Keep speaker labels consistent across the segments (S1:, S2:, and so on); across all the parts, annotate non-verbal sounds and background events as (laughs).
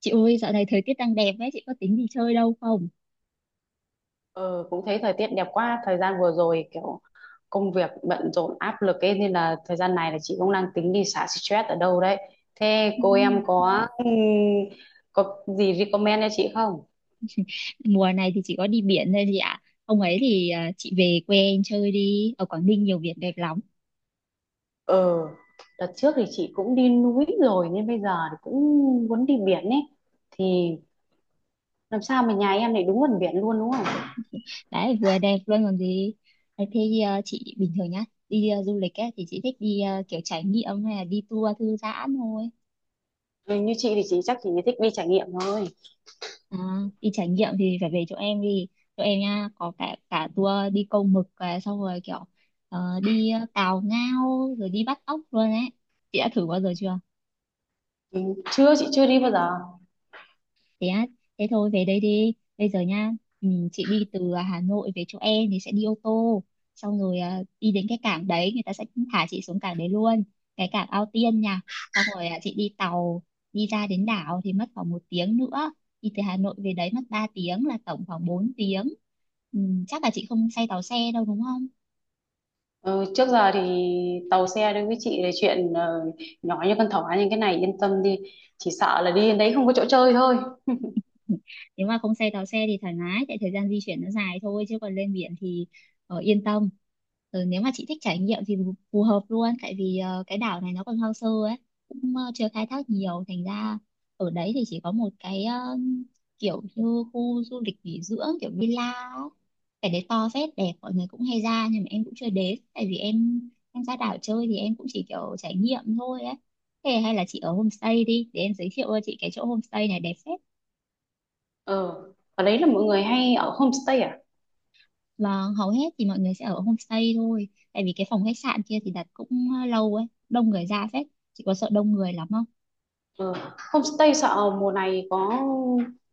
S1: Chị ơi, dạo này thời tiết đang đẹp ấy, chị có tính đi chơi đâu không?
S2: Ờ, cũng thấy thời tiết đẹp quá. Thời gian vừa rồi kiểu công việc bận rộn áp lực ấy nên là thời gian này là chị cũng đang tính đi xả stress ở đâu đấy. Thế cô em
S1: (laughs)
S2: có gì recommend cho chị không?
S1: Ừ. Mùa này thì chỉ có đi biển thôi chị ạ. Hôm ấy thì chị về quê em chơi đi, ở Quảng Ninh nhiều biển đẹp lắm.
S2: Ờ, đợt trước thì chị cũng đi núi rồi nên bây giờ thì cũng muốn đi biển ấy, thì làm sao mà nhà em lại đúng gần biển luôn, đúng không?
S1: Đấy, vừa đẹp luôn còn gì. Đấy, thế à, chị bình thường nhá, đi du lịch ấy, thì chị thích đi kiểu trải nghiệm hay là đi tour thư giãn thôi.
S2: Ừ, như chị thì chị chắc chị thích đi trải nghiệm thôi.
S1: À, đi trải nghiệm thì phải về chỗ em đi. Chỗ em nha, có cả cả tour đi câu mực, xong rồi kiểu đi cào ngao, rồi đi bắt ốc luôn ấy. Chị đã thử bao giờ chưa?
S2: Ừ, chưa, chị chưa đi bao giờ.
S1: Thế á? Thế thôi, về đây đi bây giờ nha. Ừ, chị đi từ Hà Nội về chỗ em thì sẽ đi ô tô, xong rồi đi đến cái cảng đấy, người ta sẽ thả chị xuống cảng đấy luôn, cái cảng Ao Tiên nha. Xong rồi chị đi tàu đi ra đến đảo thì mất khoảng 1 tiếng nữa. Đi từ Hà Nội về đấy mất 3 tiếng, là tổng khoảng 4 tiếng. ừ, Chắc là chị không say tàu xe đâu đúng không?
S2: Ừ, trước giờ thì tàu xe đối với chị là chuyện nhỏ như con thỏ, nhưng cái này yên tâm đi, chỉ sợ là đi đến đấy không có chỗ chơi thôi.
S1: (laughs) Nếu mà không tàu xe thì thoải mái, tại thời gian di chuyển nó dài thôi chứ còn lên biển thì yên tâm. Rồi nếu mà chị thích trải nghiệm thì phù phù hợp luôn, tại vì cái đảo này nó còn hoang sơ ấy, cũng chưa khai thác nhiều. Thành ra ở đấy thì chỉ có một cái kiểu như khu du lịch nghỉ dưỡng kiểu villa ấy. Cái đấy to phết, đẹp, mọi người cũng hay ra nhưng mà em cũng chưa đến, tại vì em ra đảo chơi thì em cũng chỉ kiểu trải nghiệm thôi ấy. Thế hay là chị ở homestay đi, để em giới thiệu cho chị cái chỗ homestay này đẹp phết.
S2: Ừ. Ở đấy là mọi người hay ở homestay à?
S1: Vâng, hầu hết thì mọi người sẽ ở homestay thôi. Tại vì cái phòng khách sạn kia thì đặt cũng lâu ấy, đông người ra phết. Chị có sợ đông người lắm không?
S2: Ừ. Homestay sợ mùa này có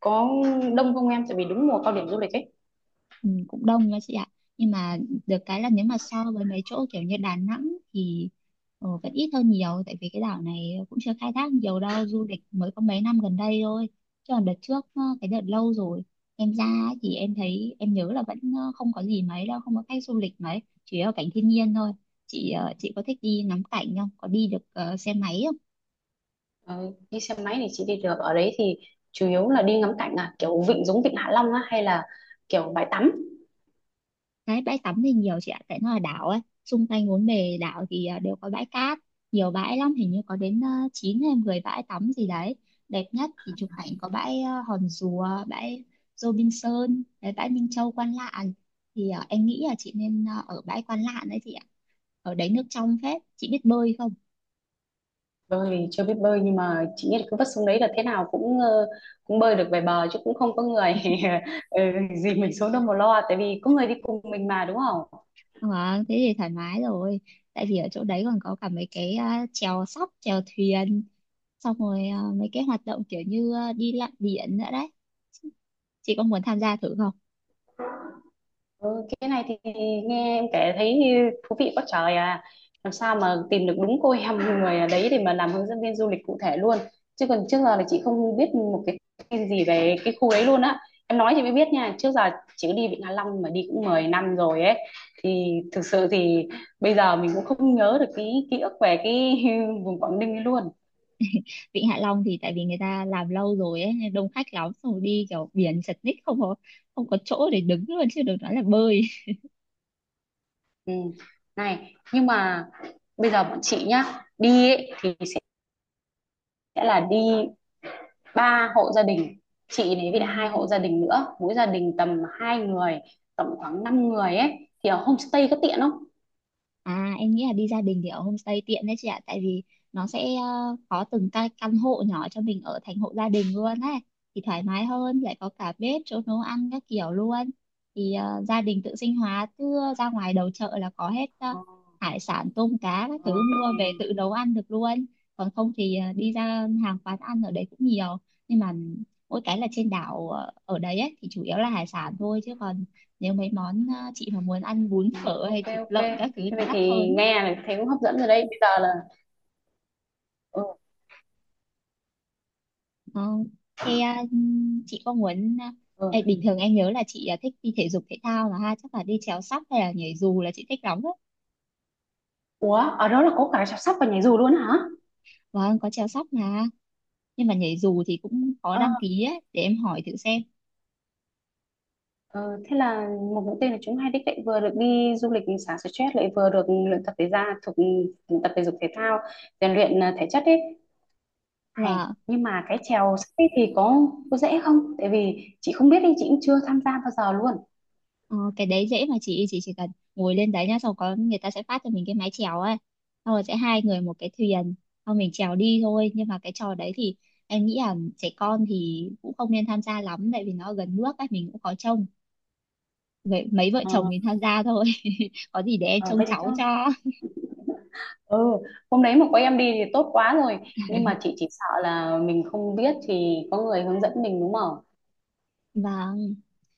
S2: có đông không em, tại vì đúng mùa cao điểm du lịch ấy?
S1: Ừ, cũng đông nha chị ạ, nhưng mà được cái là nếu mà so với mấy chỗ kiểu như Đà Nẵng thì vẫn ít hơn nhiều, tại vì cái đảo này cũng chưa khai thác nhiều đâu, du lịch mới có mấy năm gần đây thôi, chứ còn đợt trước, cái đợt lâu rồi em ra ấy thì em thấy, em nhớ là vẫn không có gì mấy đâu, không có khách du lịch mấy, chỉ có cảnh thiên nhiên thôi. Chị có thích đi ngắm cảnh không, có đi được xe máy không?
S2: Ừ. Đi xe máy thì chị đi được. Ở đấy thì chủ yếu là đi ngắm cảnh à, kiểu vịnh giống vịnh Hạ Long á, hay là kiểu bãi tắm?
S1: Đấy, bãi tắm thì nhiều chị ạ, tại nó là đảo ấy. Xung quanh bốn bề đảo thì đều có bãi cát, nhiều bãi lắm, hình như có đến 9 hay 10 bãi tắm gì đấy. Đẹp nhất thì chụp ảnh có bãi Hòn Rùa, bãi Robinson, đấy, bãi Minh Châu, Quan Lạn. Thì em nghĩ là chị nên ở bãi Quan Lạn đấy chị ạ. Ở đấy nước trong phết, chị biết bơi không?
S2: Bơi thì chưa biết bơi, nhưng mà chị nghĩ là cứ vất xuống đấy là thế nào cũng cũng bơi được về bờ chứ, cũng không có người (laughs) ừ, gì mình xuống đâu mà lo, tại vì có người đi cùng mình mà, đúng không?
S1: Ờ, thế thì thoải mái rồi. Tại vì ở chỗ đấy còn có cả mấy cái chèo sóc, chèo thuyền, xong rồi mấy cái hoạt động kiểu như đi lặn biển nữa đấy, chị có muốn tham gia thử không?
S2: Ừ, cái này thì nghe em kể thấy như thú vị quá trời à. Làm sao mà tìm được đúng cô em (laughs) người ở đấy để mà làm hướng dẫn viên du lịch cụ thể luôn, chứ còn trước giờ là chị không biết một cái gì về cái khu đấy luôn á. Em nói thì mới biết nha. Trước giờ chị đi Vịnh Hạ Long mà đi cũng 10 năm rồi ấy, thì thực sự thì bây giờ mình cũng không nhớ được cái ký ức về cái (laughs) vùng Quảng Ninh ấy luôn.
S1: Vịnh Hạ Long thì tại vì người ta làm lâu rồi ấy nên đông khách lắm, xong rồi đi kiểu biển chật ních, không có chỗ để đứng luôn chứ đừng nói là bơi.
S2: Ừ. Này, nhưng mà bây giờ bọn chị nhá, đi ấy, thì sẽ là đi ba hộ gia đình, chị đấy
S1: Ừ.
S2: với lại hai hộ gia đình nữa, mỗi gia đình tầm hai người, tổng khoảng 5 người ấy, thì ở homestay có tiện không?
S1: À, em nghĩ là đi gia đình thì ở homestay tiện đấy chị ạ. Tại vì nó sẽ có từng căn hộ nhỏ cho mình ở, thành hộ gia đình luôn ấy. Thì thoải mái hơn, lại có cả bếp, chỗ nấu ăn các kiểu luôn. Thì gia đình tự sinh hoạt, cứ ra ngoài đầu chợ là có hết hải sản, tôm cá các
S2: Ờ,
S1: thứ,
S2: vậy
S1: mua về
S2: thì-
S1: tự nấu ăn được luôn. Còn không thì đi ra hàng quán ăn ở đấy cũng nhiều. Nhưng mà mỗi cái là trên đảo ở đấy ấy, thì chủ yếu là hải sản thôi. Chứ còn nếu mấy món chị mà muốn ăn bún phở
S2: Ok,
S1: hay thịt
S2: ok,
S1: lợn các thứ
S2: thế
S1: nó
S2: vậy
S1: đắt
S2: thì
S1: hơn ấy.
S2: nghe là thấy cũng hấp dẫn rồi đấy. Bây giờ là ừ,
S1: Ờ, thế à, chị có muốn ê,
S2: ừ.
S1: bình thường em nhớ là chị thích đi thể dục thể thao mà ha, chắc là đi trèo sắp hay là nhảy dù là chị thích lắm đấy.
S2: Ủa, ở đó là có cả chăm sóc và nhảy dù luôn hả?
S1: Vâng, có trèo sắp mà, nhưng mà nhảy dù thì cũng có
S2: Ờ,
S1: đăng ký ấy, để em hỏi thử xem.
S2: ờ, thế là một mũi tên là chúng hai đích, lại vừa được đi du lịch xả stress, lại vừa được luyện tập thể ra thuộc tập thể dục thể thao, rèn luyện thể chất ấy. Hay.
S1: Và
S2: Nhưng mà cái chèo sắp thì có dễ không? Tại vì chị không biết đi, chị cũng chưa tham gia bao giờ luôn.
S1: Ờ, cái đấy dễ mà, chị chỉ cần ngồi lên đấy nhá, xong có người ta sẽ phát cho mình cái mái chèo ấy, xong rồi sẽ hai người một cái thuyền, xong mình chèo đi thôi. Nhưng mà cái trò đấy thì em nghĩ là trẻ con thì cũng không nên tham gia lắm, tại vì nó gần nước ấy, mình cũng khó trông, vậy mấy vợ
S2: Ờ,
S1: chồng mình tham gia thôi. (laughs) Có gì để em
S2: ờ,
S1: trông
S2: vậy thì
S1: cháu
S2: thôi.
S1: cho.
S2: Ừ, hôm đấy mà có em đi thì tốt quá rồi. Nhưng mà chị chỉ sợ là mình không biết, thì có người hướng dẫn mình đúng không?
S1: Vâng,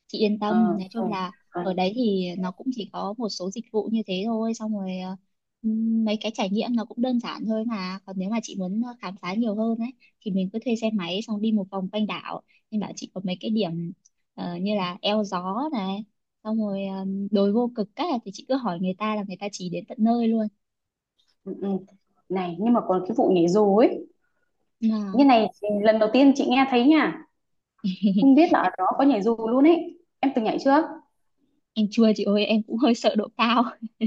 S1: chị yên tâm,
S2: Ờ,
S1: nói
S2: ừ,
S1: chung là
S2: ừ,
S1: ở đấy thì nó cũng chỉ có một số dịch vụ như thế thôi, xong rồi mấy cái trải nghiệm nó cũng đơn giản thôi mà. Còn nếu mà chị muốn khám phá nhiều hơn ấy, thì mình cứ thuê xe máy xong đi một vòng quanh đảo. Nên bảo chị có mấy cái điểm như là eo gió này, xong rồi đồi vô cực các là thì chị cứ hỏi người ta là người ta chỉ đến tận nơi luôn.
S2: ừ. Ừ. Này, nhưng mà còn cái vụ nhảy dù ấy.
S1: Mà
S2: Như này thì lần đầu tiên chị nghe thấy nha. Không biết
S1: (laughs)
S2: là ở đó có nhảy dù luôn ấy. Em từng nhảy chưa?
S1: em chua chị ơi, em cũng hơi sợ độ cao. (laughs)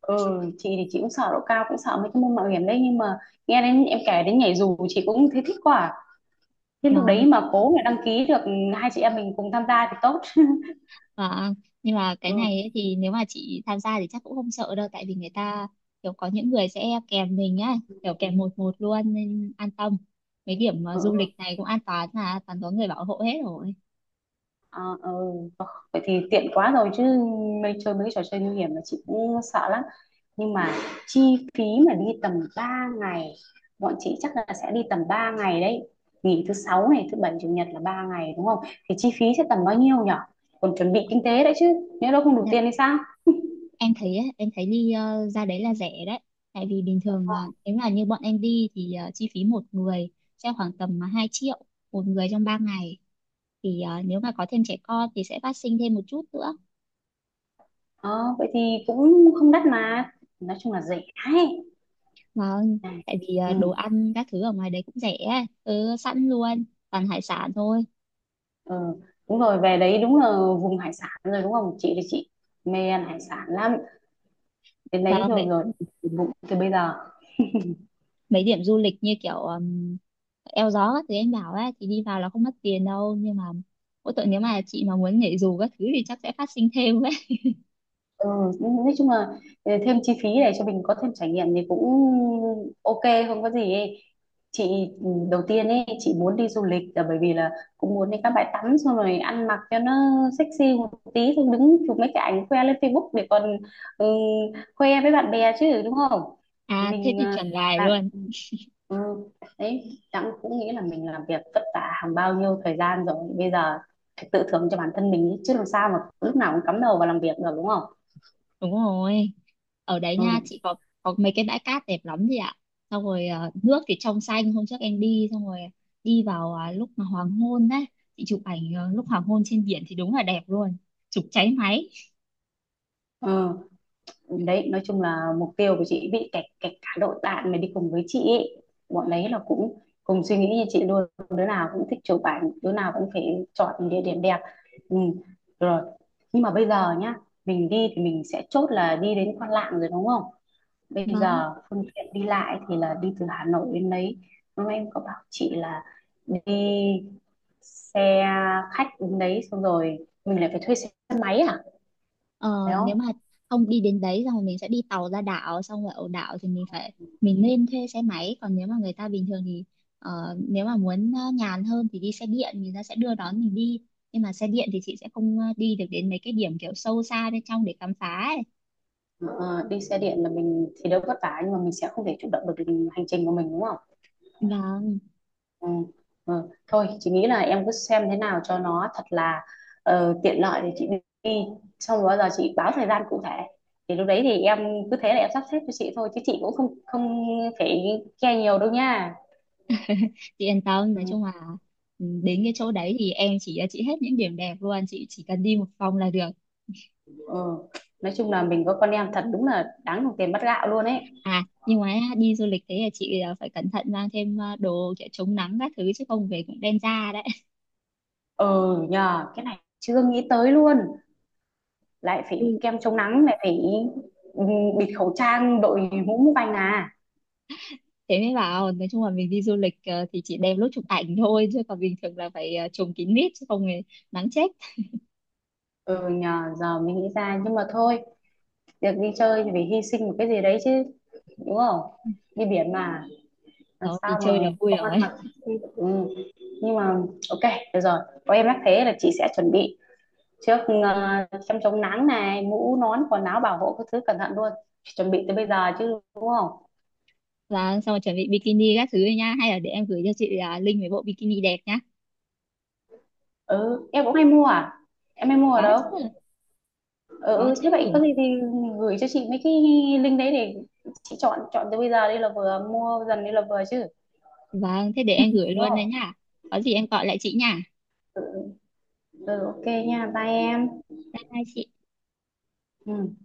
S2: Ừ, chị thì chị cũng sợ độ cao, cũng sợ mấy cái môn mạo hiểm đấy. Nhưng mà nghe đến em kể đến nhảy dù chị cũng thấy thích quá à. Thế lúc đấy
S1: Vâng.
S2: mà cố mà đăng ký được hai chị em mình cùng tham gia thì tốt.
S1: À, nhưng mà cái
S2: Ừ.
S1: này ấy, thì nếu mà chị tham gia thì chắc cũng không sợ đâu, tại vì người ta kiểu có những người sẽ kèm mình á, kiểu kèm một một luôn nên an tâm. Mấy điểm
S2: Ừ,
S1: du
S2: ừ,
S1: lịch này cũng an toàn, là toàn có người bảo hộ hết rồi.
S2: à, ừ. Ờ, vậy thì tiện quá rồi chứ, mấy chơi mấy trò chơi nguy hiểm là chị cũng sợ lắm. Nhưng mà chi phí mà đi tầm 3 ngày, bọn chị chắc là sẽ đi tầm 3 ngày đấy. Nghỉ thứ sáu này, thứ bảy chủ nhật là 3 ngày đúng không? Thì chi phí sẽ tầm bao nhiêu nhở? Còn chuẩn bị kinh tế đấy chứ. Nếu đâu không đủ
S1: Dạ,
S2: tiền thì sao?
S1: em thấy ấy, em thấy đi ra đấy là rẻ đấy, tại vì bình thường nếu mà như bọn em đi thì chi phí một người sẽ khoảng tầm 2 triệu một người trong 3 ngày. Thì nếu mà có thêm trẻ con thì sẽ phát sinh thêm một chút nữa.
S2: Ờ, vậy thì cũng không đắt mà. Nói chung là rẻ ấy.
S1: Vâng,
S2: Này.
S1: tại vì
S2: Ừ.
S1: đồ ăn các thứ ở ngoài đấy cũng rẻ, ấy. Ừ, Sẵn luôn, toàn hải sản thôi.
S2: Ờ, đúng rồi, về đấy đúng là vùng hải sản rồi đúng không? Chị thì chị mê ăn hải sản lắm, đến
S1: Và
S2: đấy rồi
S1: mấy,
S2: rồi thì bụng từ bây giờ.
S1: mấy điểm du lịch như kiểu eo gió các thứ em bảo ấy, thì đi vào là không mất tiền đâu. Nhưng mà mỗi tội nếu mà chị mà muốn nhảy dù các thứ thì chắc sẽ phát sinh thêm ấy. (laughs)
S2: ừ, nói chung là ờ, thêm chi phí để cho mình có thêm trải nghiệm thì cũng ok, không có gì ấy. Chị ừ, đầu tiên ấy chị muốn đi du lịch là bởi vì là cũng muốn đi các bãi tắm, xong rồi ăn mặc cho nó sexy một tí, xong đứng chụp mấy cái ảnh khoe lên Facebook để còn ừ, khoe với bạn bè chứ, đúng không?
S1: À, thế
S2: Mình
S1: thì
S2: ờ,
S1: chuẩn lại
S2: làm
S1: luôn.
S2: ừ, đấy Đặng cũng nghĩ là mình làm việc vất vả hàng bao nhiêu thời gian rồi, bây giờ phải tự thưởng cho bản thân mình ý, chứ làm sao mà lúc nào cũng cắm đầu vào làm việc được đúng không?
S1: Đúng rồi. Ở đấy nha,
S2: Ừ.
S1: chị có mấy cái bãi cát đẹp lắm chị ạ. Xong rồi nước thì trong xanh, hôm trước em đi xong rồi đi vào lúc mà hoàng hôn đấy, chị chụp ảnh lúc hoàng hôn trên biển thì đúng là đẹp luôn. Chụp cháy máy.
S2: Ừ. Đấy, nói chung là mục tiêu của chị bị kẹt kẹt cả đội bạn mà đi cùng với chị ý. Bọn đấy là cũng cùng suy nghĩ như chị luôn, đứa nào cũng thích chụp ảnh, đứa nào cũng phải chọn địa điểm đẹp. Ừ. Rồi, nhưng mà bây giờ nhá, mình đi thì mình sẽ chốt là đi đến Quan Lạn rồi đúng không? Bây
S1: Vâng.
S2: giờ phương tiện đi lại thì là đi từ Hà Nội đến đấy, lúc em có bảo chị là đi xe khách đến đấy, xong rồi mình lại phải thuê xe máy à,
S1: Ờ,
S2: phải
S1: nếu
S2: không?
S1: mà không đi đến đấy xong rồi mình sẽ đi tàu ra đảo, xong rồi ở đảo thì mình phải, mình nên thuê xe máy, còn nếu mà người ta bình thường thì ờ, nếu mà muốn nhàn hơn thì đi xe điện, người ta sẽ đưa đón mình đi. Nhưng mà xe điện thì chị sẽ không đi được đến mấy cái điểm kiểu sâu xa bên trong để khám phá ấy.
S2: Ờ, đi xe điện là mình thì đỡ vất vả, nhưng mà mình sẽ không thể chủ động được hành trình của mình đúng không?
S1: Vâng,
S2: Ừ. Ừ, thôi chị nghĩ là em cứ xem thế nào cho nó thật là tiện lợi để chị đi, xong rồi bao giờ chị báo thời gian cụ thể thì lúc đấy thì em cứ thế là em sắp xếp cho chị thôi, chứ chị cũng không không phải care nhiều đâu nha.
S1: chị yên tâm, nói chung là đến cái chỗ đấy thì em chỉ cho chị hết những điểm đẹp luôn, chị chỉ cần đi một vòng là được.
S2: Ừ. Nói chung là mình có con em thật đúng là đáng đồng tiền bát gạo luôn ấy.
S1: À, nhưng mà đi du lịch thế là chị phải cẩn thận mang thêm đồ kiểu chống nắng các thứ, chứ không về cũng đen da đấy.
S2: Ừ nhờ, cái này chưa nghĩ tới luôn, lại phải kem chống nắng, lại phải ừ, bịt khẩu trang, đội mũ mũ banh à.
S1: Thế mới bảo, nói chung là mình đi du lịch thì chỉ đem lúc chụp ảnh thôi, chứ còn bình thường là phải trùm kín mít chứ không thì nắng chết.
S2: Ừ nhờ, giờ mình nghĩ ra, nhưng mà thôi, được đi chơi thì phải hy sinh một cái gì đấy chứ, đúng không? Đi biển mà, làm
S1: Đó thì
S2: sao mà
S1: chơi là vui
S2: không ăn
S1: rồi.
S2: mặc.
S1: (laughs)
S2: Ừ. Nhưng mà ok, được rồi, có em nhắc thế là chị sẽ chuẩn bị trước ờ, chăm chống nắng này, mũ nón, quần áo bảo hộ các thứ cẩn thận luôn, chuẩn bị từ bây giờ chứ đúng không?
S1: Và xong rồi chuẩn bị bikini các thứ nha, hay là để em gửi cho chị link về bộ bikini đẹp nhá.
S2: Ừ, em cũng hay mua à, em hay mua ở
S1: Có
S2: đâu?
S1: chứ.
S2: Ừ,
S1: Có
S2: ừ,
S1: chứ.
S2: thế vậy có gì thì gửi cho chị mấy cái link đấy để chị chọn chọn từ bây giờ đi là vừa, mua dần đi là vừa chứ
S1: Vâng, thế để em gửi
S2: đúng
S1: luôn đây
S2: không?
S1: nhá. Có gì em gọi lại chị nha.
S2: Ừ, ừ ok nha, bye em.
S1: Bye bye chị.
S2: Ừ.